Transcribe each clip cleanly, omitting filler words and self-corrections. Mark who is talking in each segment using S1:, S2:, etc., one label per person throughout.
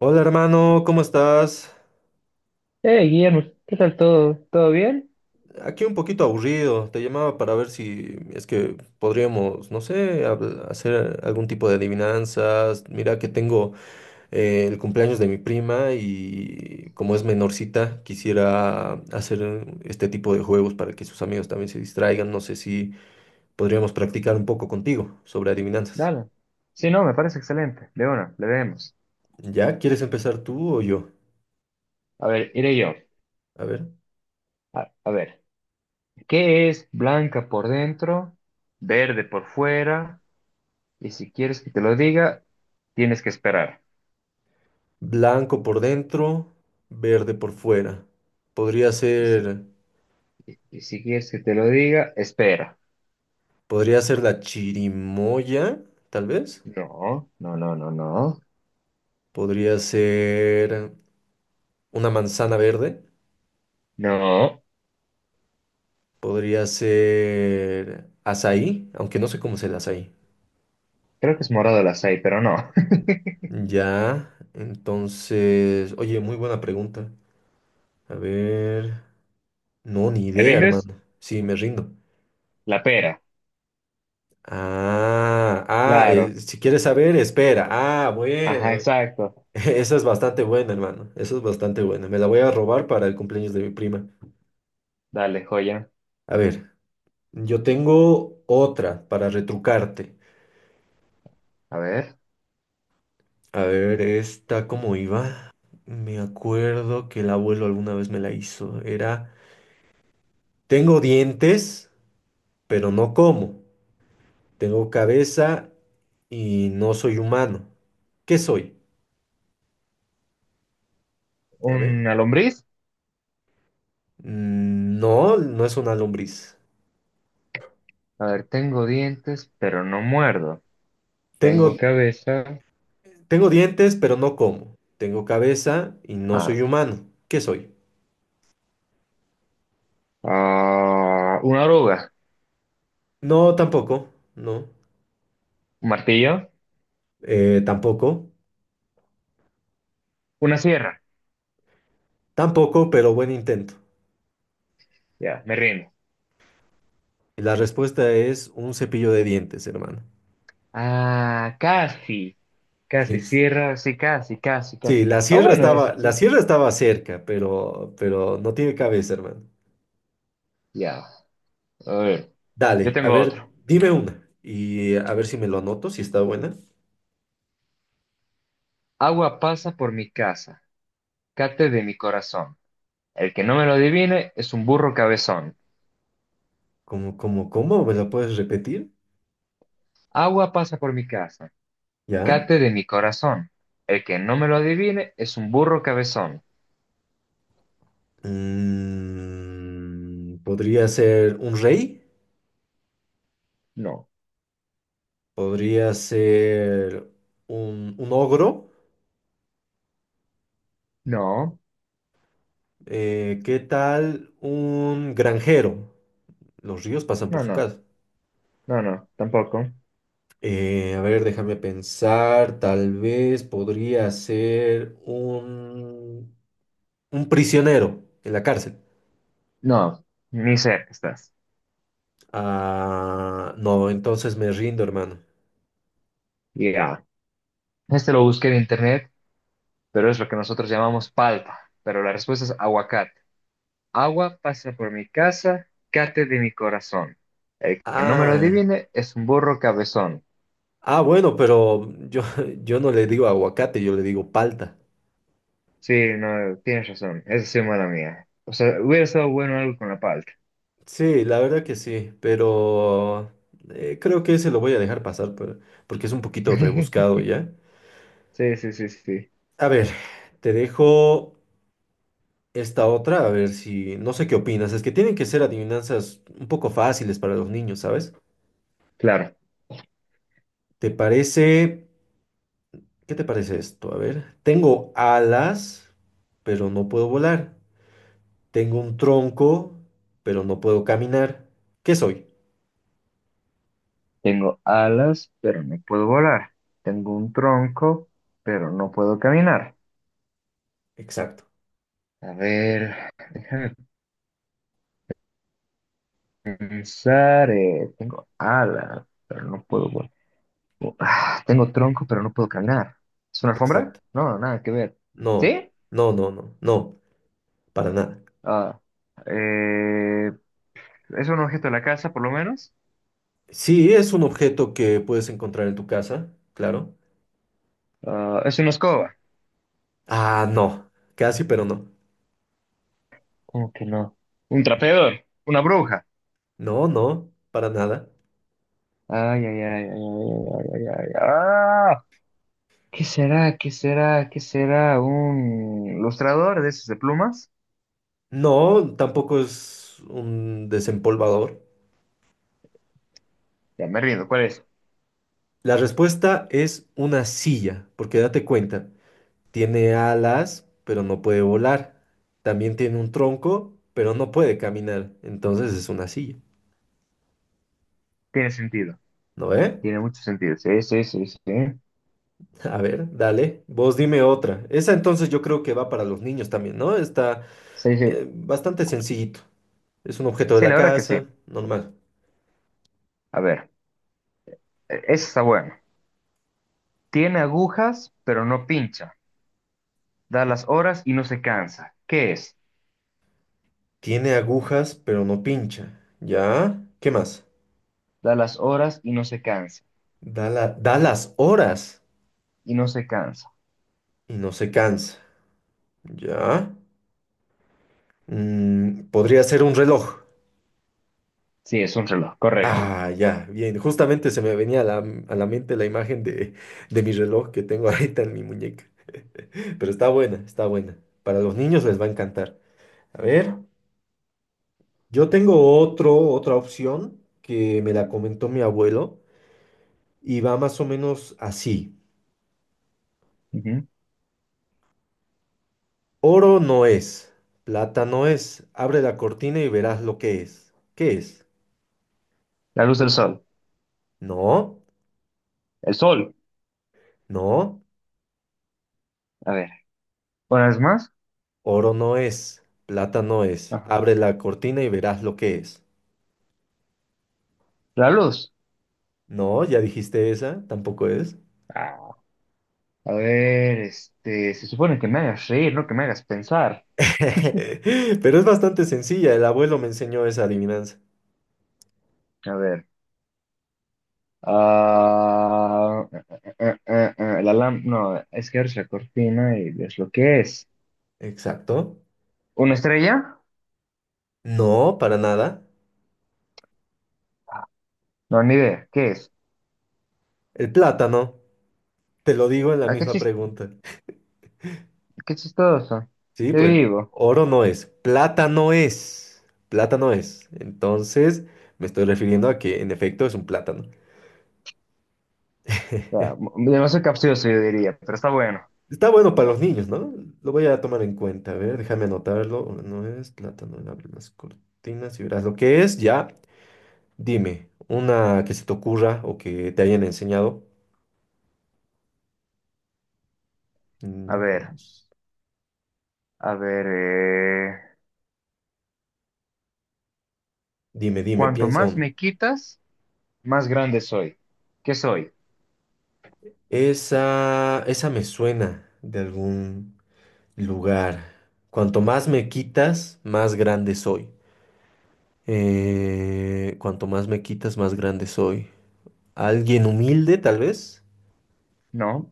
S1: Hola hermano, ¿cómo estás?
S2: Hey, Guillermo, ¿qué tal todo? ¿Todo bien?
S1: Aquí un poquito aburrido, te llamaba para ver si es que podríamos, no sé, hacer algún tipo de adivinanzas. Mira que tengo el cumpleaños de mi prima y como es menorcita, quisiera hacer este tipo de juegos para que sus amigos también se distraigan. No sé si podríamos practicar un poco contigo sobre adivinanzas.
S2: Dale. Sí, no, me parece excelente. De una, le vemos.
S1: ¿Ya? ¿Quieres empezar tú o yo?
S2: A ver, iré yo.
S1: A ver.
S2: A ver, ¿qué es blanca por dentro, verde por fuera? Y si quieres que te lo diga, tienes que esperar.
S1: Blanco por dentro, verde por fuera. Podría
S2: Y si,
S1: ser...
S2: y si quieres que te lo diga, espera.
S1: Podría ser la chirimoya, tal vez.
S2: No, no, no, no, no.
S1: Podría ser una manzana verde.
S2: No,
S1: Podría ser azaí, aunque no sé cómo es el azaí.
S2: creo que es morado la seis, pero no.
S1: Ya, entonces, oye, muy buena pregunta. A ver, no, ni
S2: ¿Te
S1: idea,
S2: rindes?
S1: hermano. Sí, me rindo.
S2: La pera.
S1: Ah, ah,
S2: Claro.
S1: si quieres saber, espera. Ah,
S2: Ajá,
S1: bueno.
S2: exacto.
S1: Esa es bastante buena, hermano. Esa es bastante buena. Me la voy a robar para el cumpleaños de mi prima.
S2: Dale, joya.
S1: A ver. Yo tengo otra para retrucarte.
S2: A ver,
S1: A ver, esta cómo iba. Me acuerdo que el abuelo alguna vez me la hizo. Era, tengo dientes, pero no como. Tengo cabeza y no soy humano. ¿Qué soy? A ver.
S2: ¿una lombriz?
S1: Mm, no, no es una lombriz.
S2: A ver, tengo dientes, pero no muerdo.
S1: Tengo,
S2: Tengo cabeza.
S1: tengo dientes, pero no como. Tengo cabeza y no soy
S2: Ah,
S1: humano. ¿Qué soy?
S2: ah, una oruga,
S1: No, tampoco. No.
S2: un martillo,
S1: Tampoco.
S2: una sierra.
S1: Tampoco, pero buen intento.
S2: Ya, me rindo.
S1: La respuesta es un cepillo de dientes, hermano.
S2: Ah, casi, casi,
S1: Es-
S2: sierra, sí, casi, casi,
S1: Sí,
S2: casi. Está bueno eso, sí.
S1: la sierra estaba cerca, pero no tiene cabeza, hermano.
S2: Ya, a ver. Yo
S1: Dale, a
S2: tengo
S1: ver,
S2: otro.
S1: dime una y a ver si me lo anoto, si está buena.
S2: Agua pasa por mi casa, cate de mi corazón. El que no me lo adivine es un burro cabezón.
S1: ¿Cómo, cómo, cómo? ¿Me la puedes repetir?
S2: Agua pasa por mi casa,
S1: ¿Ya?
S2: cate de mi corazón. El que no me lo adivine es un burro cabezón.
S1: Mm, podría ser un rey,
S2: No,
S1: podría ser un ogro.
S2: no,
S1: ¿Qué tal un granjero? Los ríos pasan por
S2: no,
S1: su
S2: no,
S1: casa.
S2: no, no, tampoco.
S1: A ver, déjame pensar. Tal vez podría ser un prisionero en la cárcel.
S2: No, ni cerca estás.
S1: Ah, no, entonces me rindo, hermano.
S2: Ya. Este lo busqué en internet, pero es lo que nosotros llamamos palta. Pero la respuesta es aguacate. Agua pasa por mi casa, cate de mi corazón. El que no me lo
S1: Ah,
S2: adivine es un burro cabezón.
S1: ah, bueno, pero yo, yo no le digo aguacate, yo le digo palta.
S2: Sí, no, tienes razón. Esa sí es mala mía. O sea, hubiera estado bueno algo con la palta.
S1: Sí, la verdad que sí, pero creo que ese lo voy a dejar porque es un poquito rebuscado, ¿ya?
S2: Sí, sí, sí, sí.
S1: A ver, te dejo esta otra, a ver si, no sé qué opinas, es que tienen que ser adivinanzas un poco fáciles para los niños, ¿sabes?
S2: Claro.
S1: ¿Te parece, ¿qué te parece esto? A ver, tengo alas, pero no puedo volar. Tengo un tronco, pero no puedo caminar. ¿Qué soy?
S2: Tengo alas, pero no puedo volar. Tengo un tronco, pero no puedo caminar.
S1: Exacto,
S2: A ver, déjame pensar. Tengo alas, pero no puedo volar. Ah, tengo tronco, pero no puedo caminar. ¿Es una alfombra?
S1: exacto.
S2: No, nada que ver.
S1: No,
S2: ¿Sí?
S1: no, no, no, no, para nada.
S2: Ah, eh, ¿es un objeto de la casa, por lo menos?
S1: Sí, es un objeto que puedes encontrar en tu casa, claro.
S2: Ah, ¿es una escoba?
S1: Ah, no, casi, pero no.
S2: ¿Cómo que no? ¿Un trapeador? ¿Una bruja?
S1: No, no, para nada.
S2: Ay, ay, ay, ay, ay, ay, ay, ay, ay. ¡Ah! ¿Qué será? ¿Qué será? ¿Qué será? ¿Un lustrador de esos de plumas?
S1: No, tampoco es un desempolvador.
S2: Ya me rindo, ¿cuál es?
S1: La respuesta es una silla, porque date cuenta, tiene alas, pero no puede volar. También tiene un tronco, pero no puede caminar. Entonces es una silla,
S2: Tiene sentido,
S1: ¿no ve?
S2: tiene mucho sentido. Sí, sí, sí, sí.
S1: A ver, dale, vos dime otra. Esa entonces yo creo que va para los niños también, ¿no? Está
S2: Sí, sí.
S1: bastante sencillito. Es un objeto de
S2: Sí,
S1: la
S2: la verdad que sí.
S1: casa, normal.
S2: A ver, esa está buena. Tiene agujas, pero no pincha. Da las horas y no se cansa. ¿Qué es?
S1: Tiene agujas, pero no pincha. ¿Ya? ¿Qué más?
S2: Da las horas y no se cansa.
S1: Da las horas
S2: Y no se cansa.
S1: y no se cansa. ¿Ya? Mm, podría ser un reloj.
S2: Sí, es un reloj, correcto.
S1: Ah, ya, bien. Justamente se me venía a a la mente la imagen de mi reloj que tengo ahorita en mi muñeca. Pero está buena, está buena. Para los niños les va a encantar. A ver, yo tengo otra opción que me la comentó mi abuelo y va más o menos así.
S2: Ujú.
S1: Oro no es, plata no es. Abre la cortina y verás lo que es. ¿Qué es?
S2: La luz del sol.
S1: No,
S2: El sol.
S1: no.
S2: A ver, ¿una vez más?
S1: Oro no es, plata no es.
S2: Ajá.
S1: Abre la cortina y verás lo que es.
S2: La luz.
S1: No, ya dijiste esa, tampoco es.
S2: Ah, a ver, este, se supone que me hagas reír, no que me hagas pensar.
S1: Pero es bastante sencilla, el abuelo me enseñó esa adivinanza.
S2: A ver. Ah, la lam- No, es que abres la cortina y ves lo que es.
S1: Exacto.
S2: ¿Una estrella?
S1: No, para nada.
S2: No, ni idea. ¿Qué es?
S1: El plátano, te lo digo en la
S2: Ah,
S1: misma pregunta.
S2: qué chistoso.
S1: Sí,
S2: Qué
S1: pues,
S2: vivo.
S1: oro no es, plata no es. Plátano es. Entonces, me estoy refiriendo a que en efecto es un plátano.
S2: O sea, demasiado capcioso, yo diría, pero está bueno.
S1: Está bueno para los niños, ¿no? Lo voy a tomar en cuenta. A ver, déjame anotarlo. No es plátano, no abre las cortinas y verás lo que es. Ya, dime, una que se te ocurra o que te hayan enseñado.
S2: A ver,
S1: Nicolás.
S2: a ver.
S1: Dime, dime,
S2: Cuanto
S1: piensa
S2: más
S1: una.
S2: me quitas, más grande soy. ¿Qué soy?
S1: Esa me suena de algún lugar. Cuanto más me quitas, más grande soy. Cuanto más me quitas, más grande soy. ¿Alguien humilde, tal vez?
S2: No.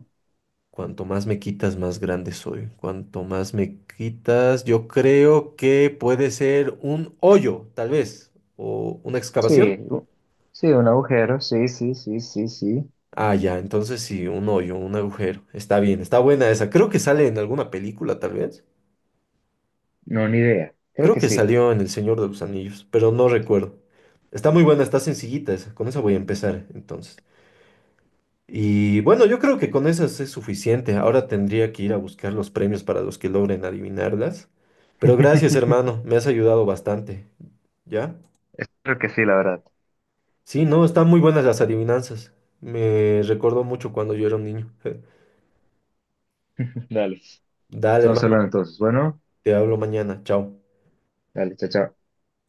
S1: Cuanto más me quitas, más grande soy. Cuanto más me quitas, yo creo que puede ser un hoyo, tal vez, o una excavación.
S2: Sí, sí, un agujero, sí, sí, sí, sí, sí.
S1: Ah, ya, entonces sí, un hoyo, un agujero. Está bien, está buena esa. Creo que sale en alguna película, tal vez.
S2: No, ni idea. Creo
S1: Creo
S2: que
S1: que
S2: sí.
S1: salió en El Señor de los Anillos, pero no recuerdo. Está muy buena, está sencillita esa. Con esa voy a empezar, entonces. Y bueno, yo creo que con esas es suficiente. Ahora tendría que ir a buscar los premios para los que logren adivinarlas. Pero gracias, hermano, me has ayudado bastante. ¿Ya?
S2: Creo que sí, la verdad.
S1: Sí, no, están muy buenas las adivinanzas. Me recordó mucho cuando yo era un niño.
S2: Dale.
S1: Dale,
S2: Estamos
S1: hermano,
S2: hablando entonces. Bueno,
S1: te hablo mañana. Chao.
S2: dale, chao, chao.